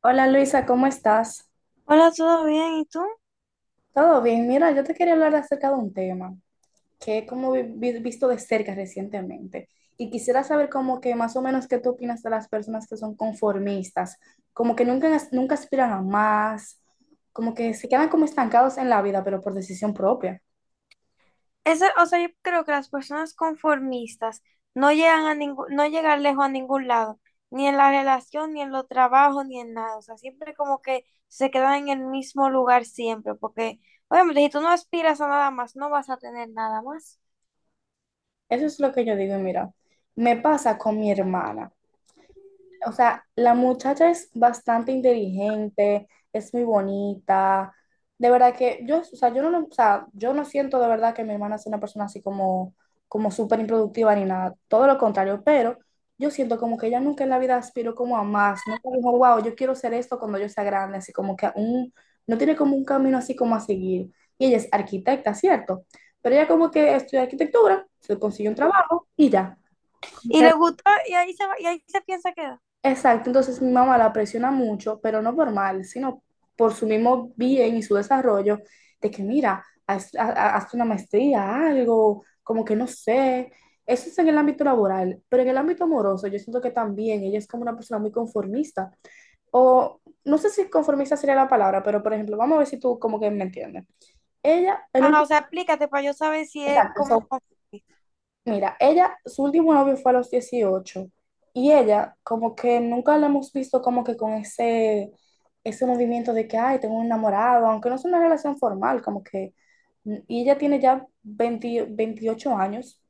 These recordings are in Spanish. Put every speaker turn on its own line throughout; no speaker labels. Hola Luisa, ¿cómo estás?
Hola, ¿todo bien? ¿Y tú?
¿Todo bien? Mira, yo te quería hablar acerca de un tema que he como visto de cerca recientemente y quisiera saber como que más o menos qué tú opinas de las personas que son conformistas, como que nunca, nunca aspiran a más, como que se quedan como estancados en la vida, pero por decisión propia.
Ese, o sea, yo creo que las personas conformistas no llegan lejos a ningún lado, ni en la relación, ni en los trabajos, ni en nada. O sea, siempre como que se quedan en el mismo lugar siempre, porque obviamente si tú no aspiras a nada más, no vas a tener nada más.
Eso es lo que yo digo y mira, me pasa con mi hermana. O sea, la muchacha es bastante inteligente, es muy bonita. De verdad que yo, o sea, yo no, o sea, yo no siento de verdad que mi hermana sea una persona así como, como súper improductiva ni nada. Todo lo contrario, pero yo siento como que ella nunca en la vida aspiró como a más. Nunca dijo, wow, yo quiero ser esto cuando yo sea grande. Así como que aún no tiene como un camino así como a seguir. Y ella es arquitecta, ¿cierto? Pero ella como que estudió arquitectura, se consiguió un trabajo y ya.
Y le gusta, y ahí se piensa que,
Exacto, entonces mi mamá la presiona mucho, pero no por mal, sino por su mismo bien y su desarrollo, de que mira, haz una maestría, algo, como que no sé. Eso es en el ámbito laboral, pero en el ámbito amoroso yo siento que también ella es como una persona muy conformista, o no sé si conformista sería la palabra, pero por ejemplo, vamos a ver si tú como que me entiendes. Ella, el
ajá, o
último,
sea, aplícate para yo saber si es como,
exacto. Mira, ella, su último novio fue a los 18 y ella como que nunca la hemos visto como que con ese, ese movimiento de que, ay, tengo un enamorado, aunque no es una relación formal, como que, y ella tiene ya 20 28 años,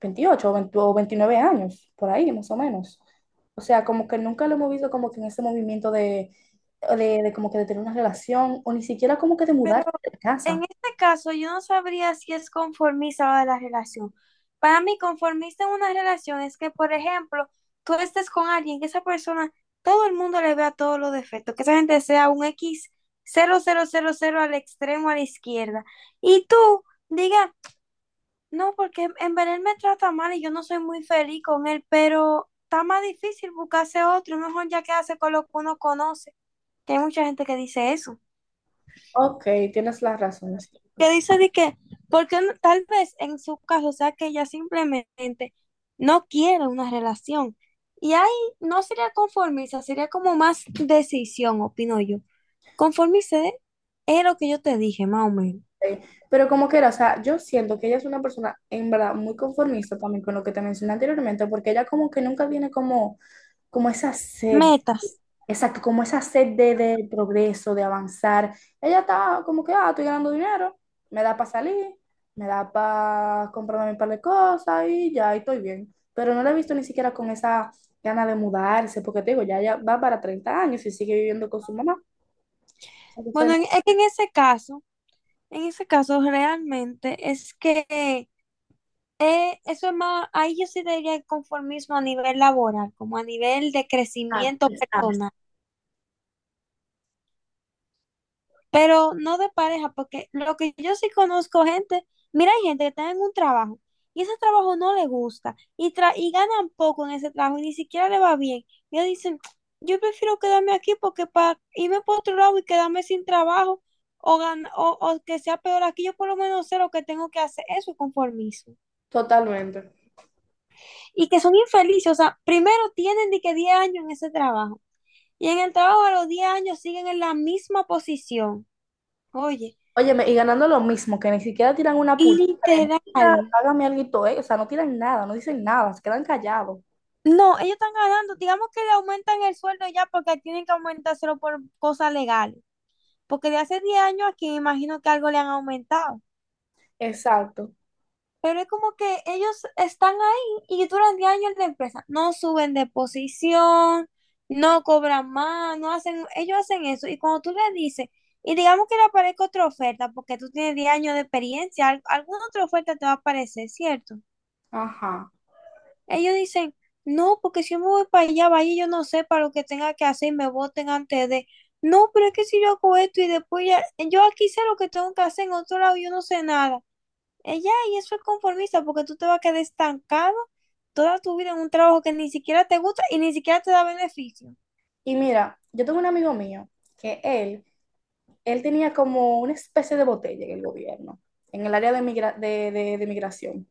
28 o 20 o 29 años, por ahí más o menos. O sea, como que nunca la hemos visto como que en ese movimiento de como que de tener una relación o ni siquiera como que de
pero
mudar de
en
casa.
este caso, yo no sabría si es conformista o de la relación. Para mí, conformista en una relación es que, por ejemplo, tú estés con alguien, que esa persona, todo el mundo le vea todos los defectos, que esa gente sea un X cero cero cero cero al extremo a la izquierda. Y tú digas, no, porque en verdad él me trata mal y yo no soy muy feliz con él, pero está más difícil buscarse otro, mejor ya quedarse con lo que uno conoce, que hay mucha gente que dice eso.
Ok, tienes la razón, sí.
Que dice de que, porque no- tal vez en su caso sea que ella simplemente no quiere una relación. Y ahí no sería conformista, sería como más decisión, opino yo. Conformista es lo que yo te dije, más o menos.
Sí, pero como quiera o sea, yo siento que ella es una persona en verdad muy conformista también con lo que te mencioné anteriormente, porque ella como que nunca tiene como, como esa sed,
Metas.
exacto, como esa sed de progreso, de avanzar. Ella está como que, ah, estoy ganando dinero, me da para salir, me da para comprarme un par de cosas y ya, y estoy bien. Pero no la he visto ni siquiera con esa gana de mudarse, porque te digo, ya, ya va para 30 años y sigue viviendo con su mamá.
Bueno,
Entonces,
es que en ese caso realmente es que eso es más, ahí yo sí diría el conformismo a nivel laboral, como a nivel de
ah,
crecimiento
está,
personal, pero no de pareja, porque lo que yo sí conozco gente, mira, hay gente que está en un trabajo y ese trabajo no le gusta y ganan poco en ese trabajo y ni siquiera le va bien. Y ellos dicen, yo prefiero quedarme aquí porque para irme por otro lado y quedarme sin trabajo o que sea peor aquí, yo por lo menos sé lo que tengo que hacer, eso es conformismo.
totalmente.
Y que son infelices, o sea, primero tienen de que 10 años en ese trabajo y en el trabajo a los 10 años siguen en la misma posición. Oye,
Óyeme, y ganando lo mismo, que ni siquiera tiran una puñada de
literal.
mira, págame alguito, eh". O sea, no tiran nada, no dicen nada, se quedan callados.
No, ellos están ganando. Digamos que le aumentan el sueldo ya porque tienen que aumentárselo por cosas legales. Porque de hace 10 años aquí me imagino que algo le han aumentado.
Exacto.
Pero es como que ellos están ahí y duran 10 años en la empresa. No suben de posición, no cobran más, no hacen, ellos hacen eso. Y cuando tú le dices, y digamos que le aparezca otra oferta porque tú tienes 10 años de experiencia, alguna otra oferta te va a aparecer, ¿cierto?
Ajá.
Ellos dicen, no, porque si yo me voy para allá, vaya, yo no sé para lo que tenga que hacer y me voten antes de. No, pero es que si yo hago esto y después ya, yo aquí sé lo que tengo que hacer, en otro lado yo no sé nada. Ella, y eso es conformista, porque tú te vas a quedar estancado toda tu vida en un trabajo que ni siquiera te gusta y ni siquiera te da beneficio.
Y mira, yo tengo un amigo mío que él tenía como una especie de botella en el gobierno, en el área de, de migración.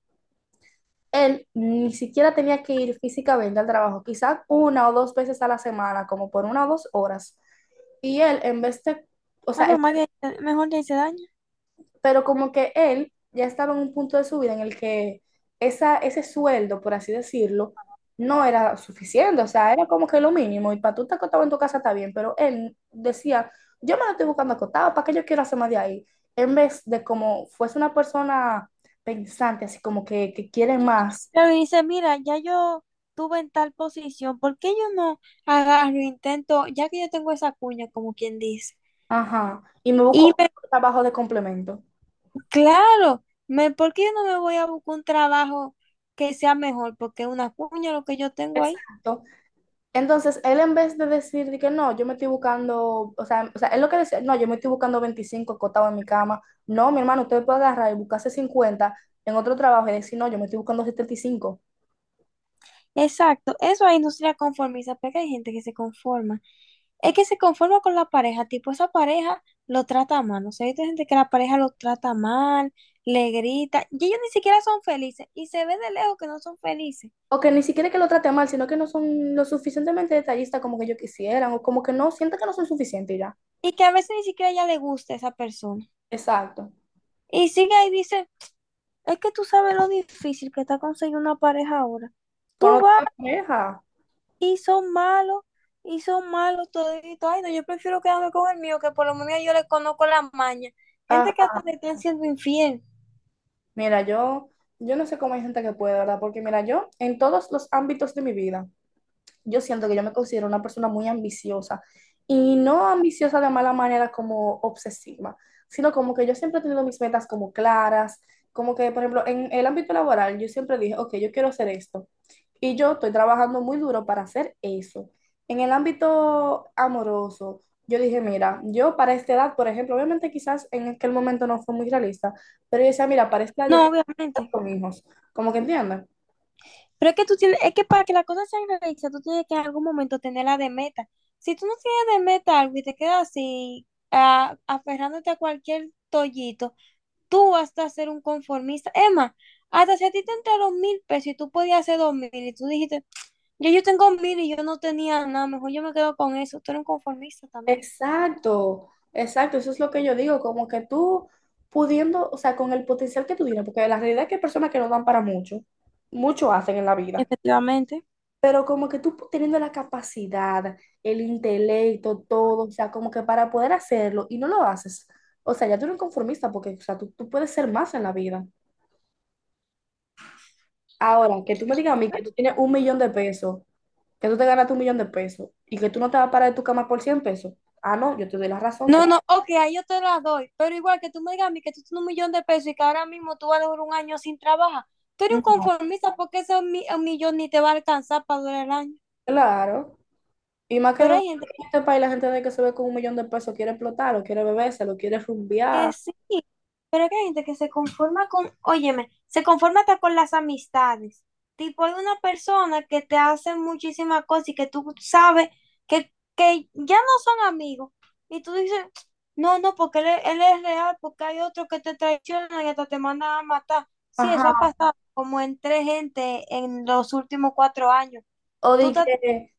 Él ni siquiera tenía que ir físicamente al trabajo, quizás una o dos veces a la semana, como por una o dos horas. Y él, en vez de, o
Ah,
sea,
pero más que mejor le hice daño.
pero como que él ya estaba en un punto de su vida en el que esa, ese sueldo, por así decirlo, no era suficiente, o sea, era como que lo mínimo, y para tú estar acotado en tu casa está bien, pero él decía, yo me lo estoy buscando acotado, ¿para qué yo quiero hacer más de ahí? En vez de como fuese una persona pensante, así como que quiere más,
Claro, y dice, mira, ya yo tuve en tal posición, ¿por qué yo no agarro, intento, ya que yo tengo esa cuña, como quien dice?
ajá, y me
Y
busco
me
trabajo de complemento.
Claro, ¿por qué yo no me voy a buscar un trabajo que sea mejor? Porque una cuña lo que yo tengo ahí.
Exacto. Entonces, él en vez de decir de que no, yo me estoy buscando, o sea, él lo que decía, no, yo me estoy buscando 25 acotado en mi cama, no, mi hermano, usted puede agarrar y buscarse 50 en otro trabajo y decir, no, yo me estoy buscando 75.
Exacto, eso ahí hay industria conformista, porque hay gente que se conforma. Es que se conforma con la pareja, tipo esa pareja lo trata mal, ¿no? O sea, hay gente que la pareja lo trata mal, le grita, y ellos ni siquiera son felices, y se ve de lejos que no son felices,
O que ni siquiera que lo trate mal, sino que no son lo suficientemente detallistas como que yo quisieran, o como que no sienten que no son suficientes y ya.
y que a veces ni siquiera ya le gusta esa persona.
Exacto.
Y sigue ahí y dice, es que tú sabes lo difícil que está conseguir una pareja ahora.
Pues
Tú vas
no te deja.
y son malos, y son malos toditos. Ay, no, yo prefiero quedarme con el mío, que por lo menos yo le conozco la maña. Gente
Ah,
que hasta te están siendo infiel.
mira, yo no sé cómo hay gente que puede, ¿verdad? Porque mira, yo en todos los ámbitos de mi vida, yo siento que yo me considero una persona muy ambiciosa y no ambiciosa de mala manera como obsesiva, sino como que yo siempre he tenido mis metas como claras, como que, por ejemplo, en el ámbito laboral, yo siempre dije, ok, yo quiero hacer esto y yo estoy trabajando muy duro para hacer eso. En el ámbito amoroso, yo dije, mira, yo para esta edad, por ejemplo, obviamente quizás en aquel momento no fue muy realista, pero yo decía, mira, para esta edad yo
No,
quiero estar
obviamente.
con hijos, como que entiendes.
Pero es que tú tienes, es que para que las cosas sean realistas, tú tienes que en algún momento tenerla de meta. Si tú no tienes de meta algo y te quedas así, aferrándote a cualquier tollito, tú vas a ser un conformista. Emma, hasta si a ti te entraron 1000 pesos y tú podías hacer 2000 y tú dijiste, yo tengo 1000 y yo no tenía nada, mejor yo me quedo con eso. Tú eres un conformista también.
Exacto, exacto, eso es lo que yo digo, como que tú pudiendo, o sea, con el potencial que tú tienes, porque la realidad es que hay personas que no dan para mucho, mucho hacen en la vida,
Efectivamente.
pero como que tú teniendo la capacidad, el intelecto, todo, o sea, como que para poder hacerlo y no lo haces, o sea, ya tú eres un conformista, porque, o sea, tú puedes ser más en la vida. Ahora, que tú me digas a mí que tú tienes un millón de pesos, que tú te ganaste un millón de pesos y que tú no te vas a parar de tu cama por 100 pesos, ah, no, yo te doy la razón.
No, no, ok, ahí yo te las doy, pero igual que tú me digas a mí que tú tienes 1 millón de pesos y que ahora mismo tú vas a durar un año sin trabajar, tú eres un
No,
conformista porque 1 millón ni te va a alcanzar para durar el año.
claro. Y más que
Pero
en
hay gente
este país la gente de que se ve con un millón de pesos quiere explotarlo, quiere bebérselo, quiere
que
rumbear.
sí, pero que hay gente que se conforma con, óyeme, se conforma hasta con las amistades. Tipo, hay una persona que te hace muchísimas cosas y que tú sabes que ya no son amigos. Y tú dices, no, no, porque él, él es real, porque hay otro que te traiciona y hasta te mandan a matar. Sí, eso ha
Ajá.
pasado como en 3 gente en los últimos 4 años.
O de
Tú estás
que,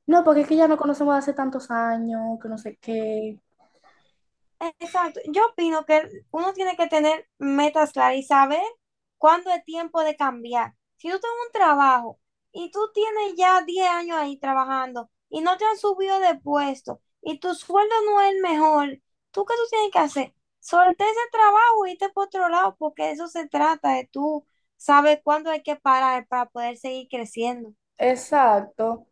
no, porque es que ya no conocemos de hace tantos años, que no sé qué.
exacto. Yo opino que uno tiene que tener metas claras y saber cuándo es tiempo de cambiar. Si tú tienes un trabajo y tú tienes ya 10 años ahí trabajando y no te han subido de puesto y tu sueldo no es el mejor, ¿tú qué tú tienes que hacer? Solté ese trabajo y irte por otro lado porque de eso se trata, de tú sabes cuándo hay que parar para poder seguir creciendo.
Exacto.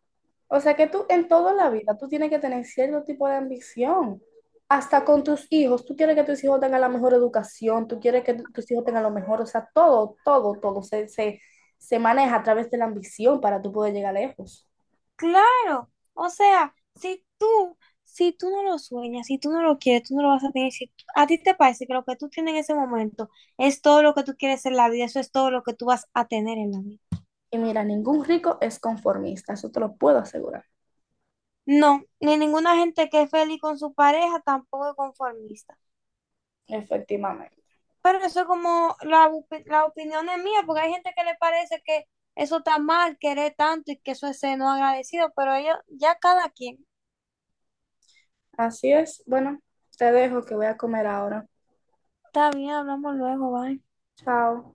O sea que tú en toda la vida tú tienes que tener cierto tipo de ambición. Hasta con tus hijos, tú quieres que tus hijos tengan la mejor educación, tú quieres que tus hijos tengan lo mejor, o sea, todo, todo, todo se maneja a través de la ambición para tú poder llegar lejos.
Claro, o sea, si tú no lo sueñas, si tú no lo quieres, tú no lo vas a tener. Si tú- A ti te parece que lo que tú tienes en ese momento es todo lo que tú quieres en la vida, eso es todo lo que tú vas a tener en la vida.
Y mira, ningún rico es conformista, eso te lo puedo asegurar.
No, ni ninguna gente que es feliz con su pareja tampoco es conformista.
Efectivamente.
Pero eso es como la opinión es mía, porque hay gente que le parece que eso está mal, querer tanto y que eso es ser no agradecido, pero ellos, ya cada quien.
Así es. Bueno, te dejo que voy a comer ahora.
Está bien, hablamos luego, bye.
Chao.